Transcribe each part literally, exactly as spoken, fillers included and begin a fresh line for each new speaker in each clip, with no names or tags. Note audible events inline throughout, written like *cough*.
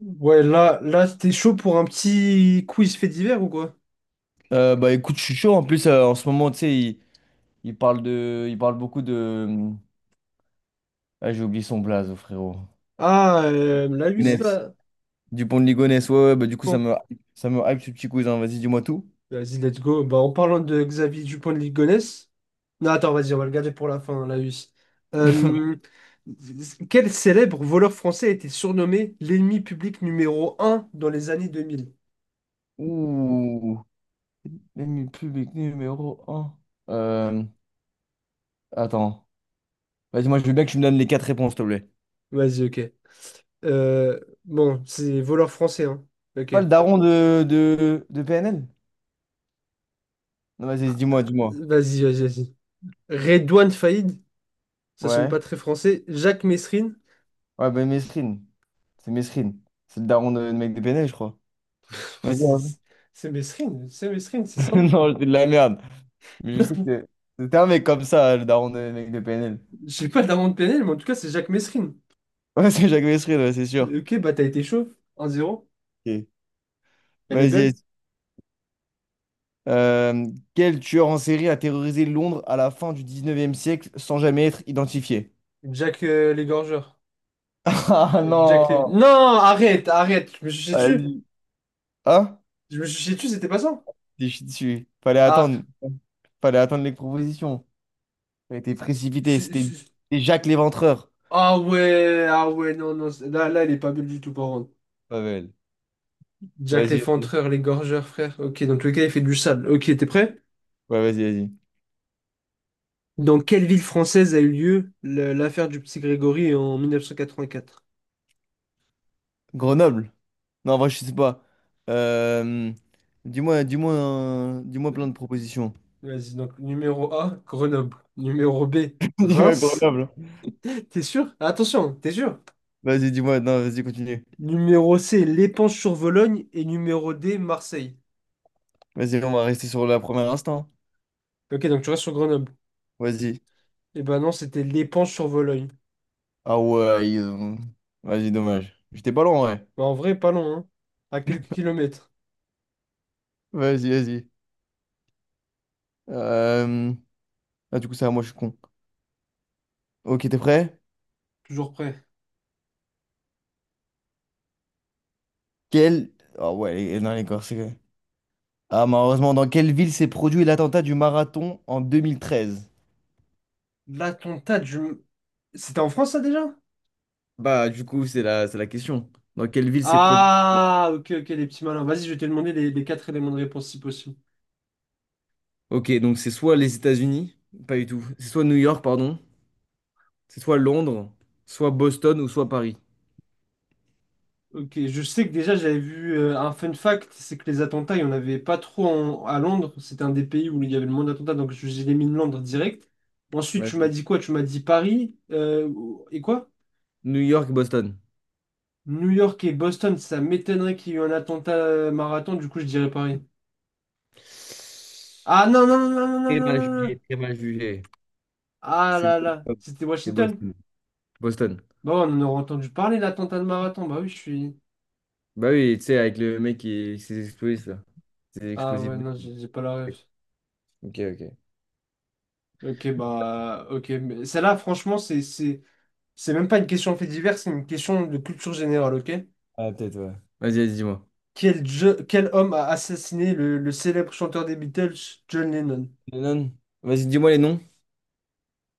Ouais, là, là, t'es chaud pour un petit quiz fait divers ou quoi?
Euh, bah écoute, je suis chaud. En plus, euh, en ce moment, tu sais, il, il parle de, il parle beaucoup de. hum, Ah, j'ai oublié son blaze, frérot.
Ah, euh, la Luis,
Younes.
là.
Du pont de Ligonnès, ouais, ouais, bah du coup, ça
Bon,
me, ça me hype ce petit cousin. Vas-y, dis-moi tout.
vas-y, let's go. Bah, en parlant de Xavier Dupont de Ligonnès. Non, attends, vas-y, on va le garder pour la fin, la Luis. Euh,
*laughs*
Quel célèbre voleur français a été surnommé l'ennemi public numéro un dans les années deux mille?
Ouh, l'ennemi public numéro un. Euh, attends. Vas-y, moi, je veux bien que tu me donnes les quatre réponses, s'il te plaît.
Vas-y, ok. Euh, bon, c'est voleur français, hein. Ok.
Pas le daron de, de, de P N L? Non, vas-y, dis-moi, dis-moi.
Vas-y, vas-y, vas-y. Redouane Faïd, ça sonne
Ouais.
pas très français. Jacques Messrine,
Ouais, bah Mesrine. C'est Mesrine. C'est le daron de, de mec de P N L, je crois. Vas-y,
C'est
hein.
c'est Mesrine, c'est Mesrine, c'est
*laughs*
ça.
Non, c'est de la merde. Mais je sais
*laughs*
que c'était un mec comme ça, le daron des mecs de P N L.
J'ai pas de l'amende pénale, mais en tout cas, c'est Jacques Mesrine.
*laughs* Ouais, c'est Jacques Mesril, ouais, c'est sûr.
Ok, bah t'as été chauve. un zéro,
Ok.
elle est
Vas-y, vas-y.
belle.
Euh, quel tueur en série a terrorisé Londres à la fin du dix-neuvième siècle sans jamais être identifié?
Jack euh, l'égorgeur.
*laughs* Ah
Euh, Jack les...
non!
Non, arrête, arrête. Je me suis chié dessus.
Vas-y. Hein?
Je me suis chié dessus, c'était pas ça.
Je suis dessus. Fallait
Ah,
attendre. Fallait attendre les propositions. Ça a été précipité.
c'est-
C'était
c'est-
c'était Jacques l'Éventreur.
ah ouais, ah ouais, non, non. c'est- Là, là, elle est pas belle du tout, par contre.
Pas belle.
Jack
Vas-y, vas-y.
l'effondreur, l'égorgeur, frère. Ok, donc le gars, il fait du sable. Ok, t'es prêt?
Ouais, vas-y, vas-y.
Dans quelle ville française a eu lieu le- l'affaire du petit Grégory en mille neuf cent quatre-vingt-quatre?
Grenoble. Non, en vrai, je sais pas. Euh, Dis-moi, dis-moi, un- dis-moi plein de propositions.
Vas-y, donc numéro A, Grenoble. Numéro B,
*laughs* Dis-moi
Reims.
Grenoble.
*laughs* T'es sûr? Attention, t'es sûr?
Vas-y, dis-moi. Non, vas-y, continue.
Numéro C, L'éponge-sur-Vologne. Et numéro D, Marseille.
Vas-y, on va rester sur la première instant.
Ok, donc tu restes sur Grenoble.
Vas-y.
Eh ben non, c'était L'éponge-sur-Vologne.
Ah ouais, ils ont- vas-y, dommage. J'étais pas loin, ouais.
Bah, en vrai, pas loin, hein. À quelques kilomètres.
Vas-y, vas-y. Euh, Ah, du coup, ça, moi, je suis con. Ok, t'es prêt?
Toujours près.
Quel. Ah ouais, les- non, les Corses, c'est. Ah, malheureusement, dans quelle ville s'est produit l'attentat du marathon en deux mille treize?
L'attentat du... C'était en France, ça, déjà?
Bah, du coup, c'est la, c'est la question. Dans quelle ville s'est produit.
Ah, ok, ok, les petits malins. Vas-y, je vais te demander les, les quatre éléments de réponse, si possible.
Ok, donc c'est soit les États-Unis, pas du tout. C'est soit New York, pardon. C'est soit Londres, soit Boston ou soit Paris.
Ok, je sais que déjà j'avais vu euh, un fun fact, c'est que les attentats, il n'y en avait pas trop en- à Londres. C'était un des pays où il y avait le moins d'attentats, donc je- j'ai mis Londres direct. Ensuite, tu m'as
Vas-y.
dit quoi? Tu m'as dit Paris, euh, et quoi?
New York, Boston.
New York et Boston, ça m'étonnerait qu'il y ait eu un attentat euh, marathon, du coup je dirais Paris. Ah non, non, non, non, non,
Très
non, non,
mal
non, non.
jugé, très mal jugé.
Ah
C'est
là
Boston.
là, c'était
C'est
Washington?
Boston. Boston.
Bah ouais, on en aurait entendu parler, l'attentat de marathon. Bah oui, je suis.
Bah oui, tu sais, avec le mec qui s'est explosé, là. C'est
Ah
explosif.
ouais, non, j'ai j'ai pas la ref.
Ok, ok.
Ok, bah, ok, mais celle-là, franchement, c'est. c'est- c'est même pas une question de fait divers, c'est une question de culture générale, ok?
Ah, peut-être, ouais. Vas-y, vas-y, dis-moi.
Quel, je- quel homme a assassiné le, le célèbre chanteur des Beatles, John Lennon?
Lennon. Vas-y, dis-moi les noms.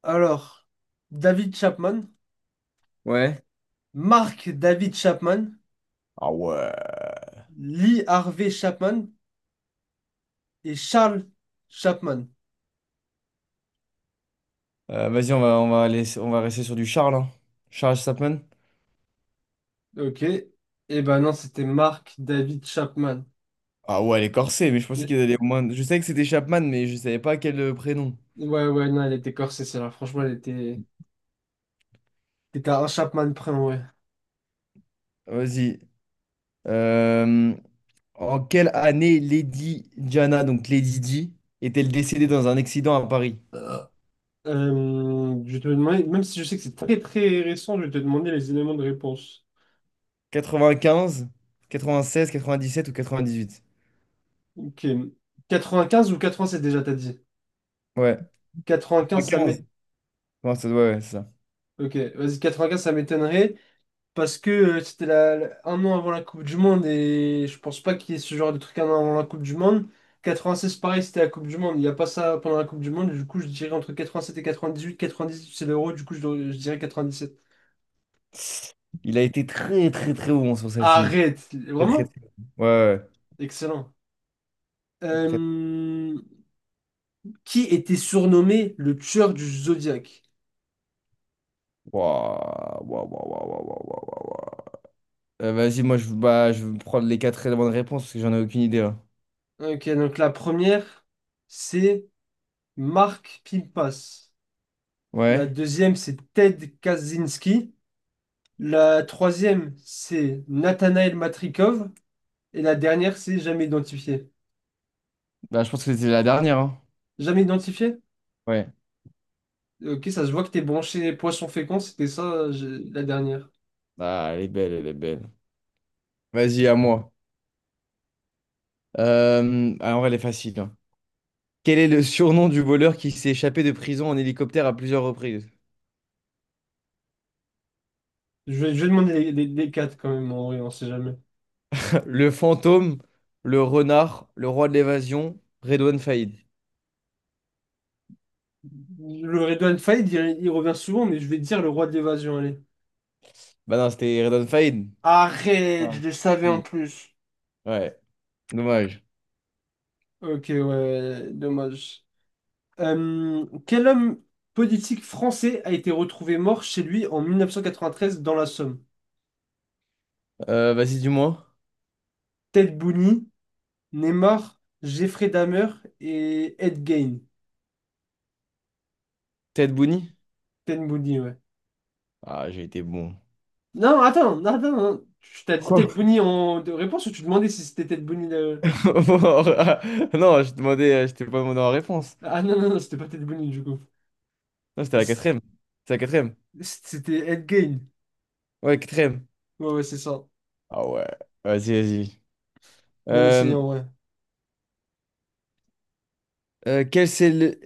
Alors, David Chapman,
Ouais.
Mark David Chapman,
Ah ouais.
Lee Harvey Chapman et Charles Chapman.
Euh, vas-y, on va, on va aller, on va rester sur du Charles, hein. Charles Chapman.
Ok. Eh ben non, c'était Mark David Chapman.
Ah ouais, les corsets mais je pensais
Mais
qu'ils allaient au moins. Je savais que c'était Chapman, mais je savais pas quel euh, prénom.
ouais, ouais, non, elle était corsée, celle-là. Franchement, elle était... T'étais à un Chapman près, ouais.
Vas-y. Euh, En quelle année Lady Diana, donc Lady Di, est-elle décédée dans un accident à Paris?
Euh, je vais te demander, même si je sais que c'est très très récent, je vais te demander les éléments de réponse.
quatre-vingt-quinze, quatre-vingt-seize, quatre-vingt-dix-sept ou quatre-vingt-dix-huit?
Ok. Quatre-vingt-quinze ou quatre-vingt-sept déjà, t'as dit.
Ouais.
Quatre-vingt-quinze, ça
quatre-vingt-quinze.
m'é...
Ouais, ça- ouais, ouais, c'est ça.
Ok, vas-y, quatre quatre-vingt-quinze, ça m'étonnerait parce que euh, c'était la, la- un an avant la Coupe du Monde et je pense pas qu'il y ait ce genre de truc un an avant la Coupe du Monde. Quatre-vingt-seize, pareil, c'était la Coupe du Monde. Il n'y a pas ça pendant la Coupe du Monde. Du coup, je dirais entre quatre-vingt-sept et quatre-vingt-dix-huit. quatre-vingt-dix-huit, c'est l'euro. Du coup, je, je dirais sept.
Il a été très très très bon sur celle-ci.
Arrête!
Très très
Vraiment?
très. Bon. Ouais, ouais.
Excellent.
Ouais. Très.
Euh, Qui était surnommé le tueur du Zodiaque?
Waouh, waouh, waouh, waouh, waouh, waouh, waouh, waouh. Euh, vas-y, moi je, bah, je vais prendre les quatre bonnes réponses parce que j'en ai aucune idée là.
Ok, donc la première, c'est Mark Pimpas. La
Ouais.
deuxième, c'est Ted Kaczynski. La troisième, c'est Nathanaël Matrikov. Et la dernière, c'est jamais identifié.
Bah, je pense que c'était la dernière, hein.
Jamais identifié?
Ouais.
Ok, ça se voit que t'es branché poisson fécond, c'était ça euh, je- la dernière.
Ah, elle est belle, elle est belle. Vas-y, à moi. Euh, ah, en vrai, elle est facile, hein. Quel est le surnom du voleur qui s'est échappé de prison en hélicoptère à plusieurs reprises?
Je vais, je vais demander les, les- les quatre quand même, en vrai, on sait jamais.
*laughs* Le fantôme, le renard, le roi de l'évasion, Redouane Faïd.
Le Redouane Faïd, il, il revient souvent, mais je vais dire le roi de l'évasion, allez.
Bah non, c'était Redouane Faïd.
Arrête,
Ouais.
je le savais en
Si.
plus.
Ouais, dommage.
Ok, ouais, ouais, dommage. Euh, quel homme politique français a été retrouvé mort chez lui en dix-neuf cent quatre-vingt-treize dans la Somme?
Euh, vas-y, dis-moi.
Ted Bundy, Neymar, Jeffrey Dahmer et Ed Gein.
Ted Bundy?
Ted Bundy, ouais.
Ah, j'ai été bon.
Non, attends, non, attends, non. Tu t'as dit
Quoi?
Ted Bundy en de réponse ou tu demandais si c'était Ted Bundy le-
*laughs* Non, je demandais, euh, je t'ai pas demandé en réponse.
ah non, non, non, c'était pas Ted Bundy du coup.
Non, c'était la
C-
quatrième. C'est la quatrième.
C'était Ed Gein.
Ouais, quatrième.
Ouais, ouais, c'est ça.
Ah ouais, vas-y, vas-y.
Bien essayé
Euh,
en vrai.
euh, quel c'est le.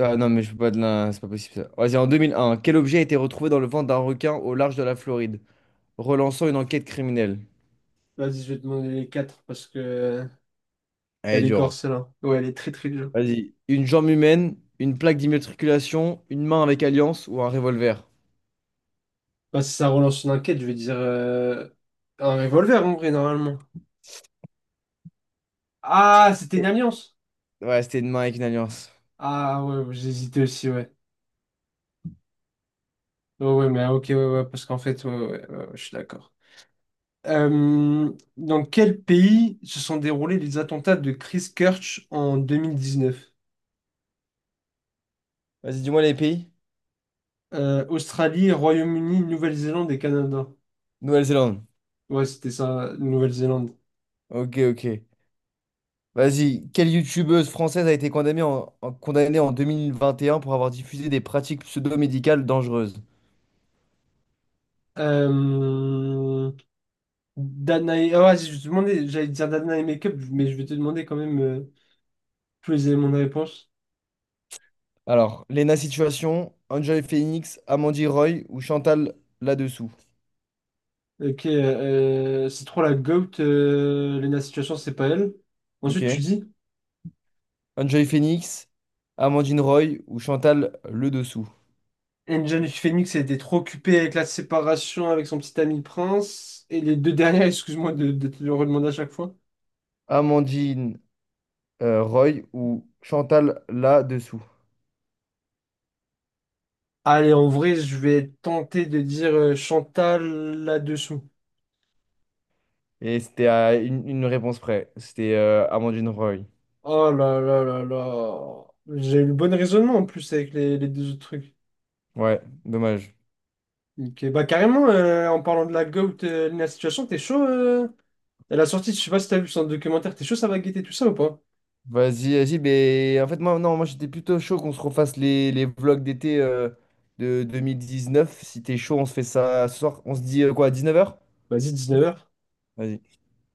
Ah non, mais je peux pas de la. C'est pas possible ça. Vas-y, en deux mille un, quel objet a été retrouvé dans le ventre d'un requin au large de la Floride, relançant une enquête criminelle?
Vas-y, je vais te demander les quatre parce que.
Elle est
Elle est
dure,
gore,
hein.
celle-là. Ouais, elle est très très dure.
Vas-y, une jambe humaine, une plaque d'immatriculation, une main avec alliance ou un revolver?
Bah, si ça relance une enquête, je vais dire euh, un revolver en vrai, normalement. Ah, c'était une
Et-
alliance.
Ouais, c'était une main avec une alliance.
Ah ouais, j'hésitais aussi, ouais. Ouais, ouais, mais ok, ouais, ouais, parce qu'en fait, ouais, ouais, ouais, ouais, je suis d'accord. Euh, dans quel pays se sont déroulés les attentats de Christchurch en deux mille dix-neuf?
Vas-y, dis-moi les pays.
Euh, Australie, Royaume-Uni, Nouvelle-Zélande et Canada.
Nouvelle-Zélande.
Ouais, c'était ça, Nouvelle-Zélande.
Ok, ok. Vas-y, quelle youtubeuse française a été condamnée en, en- condamnée en deux mille vingt et un pour avoir diffusé des pratiques pseudo-médicales dangereuses?
Euh, Danae. Ah ouais, si, je vais te demander, j'allais dire Danae Makeup, mais je vais te demander quand même euh, tous les éléments de réponse.
Alors, Lena Situation, Enjoy Phoenix, Amandine Roy ou Chantal là-dessous.
Ok, euh, c'est trop la GOAT, euh, Lena Situation, c'est pas elle. Ensuite, tu
Ok.
dis,
Enjoy Phoenix, Amandine Roy ou Chantal le dessous.
Angel Phoenix elle était trop occupée avec la séparation avec son petit ami Prince. Et les deux dernières, *laughs* excuse-moi de, de te le redemander à chaque fois.
Amandine euh, Roy ou Chantal là-dessous.
Allez, en vrai, je vais tenter de dire euh, Chantal là-dessous.
Et c'était à une, une réponse près. C'était euh, Amandine Roy.
Oh là là là là. J'ai eu le bon raisonnement en plus avec les les deux autres trucs.
Ouais, dommage.
Ok, bah carrément, euh, en parlant de la GOAT, euh, la situation, t'es chaud euh, elle a sorti, je sais pas si t'as vu son documentaire, t'es chaud, ça va guetter tout ça ou pas?
Vas-y, vas-y, mais en fait, moi, non, moi j'étais plutôt chaud qu'on se refasse les, les vlogs d'été euh, de deux mille dix-neuf. Si t'es chaud, on se fait ça ce soir. On se dit euh, quoi, dix-neuf heures?
Vas-y, dix-neuf heures.
Vas-y.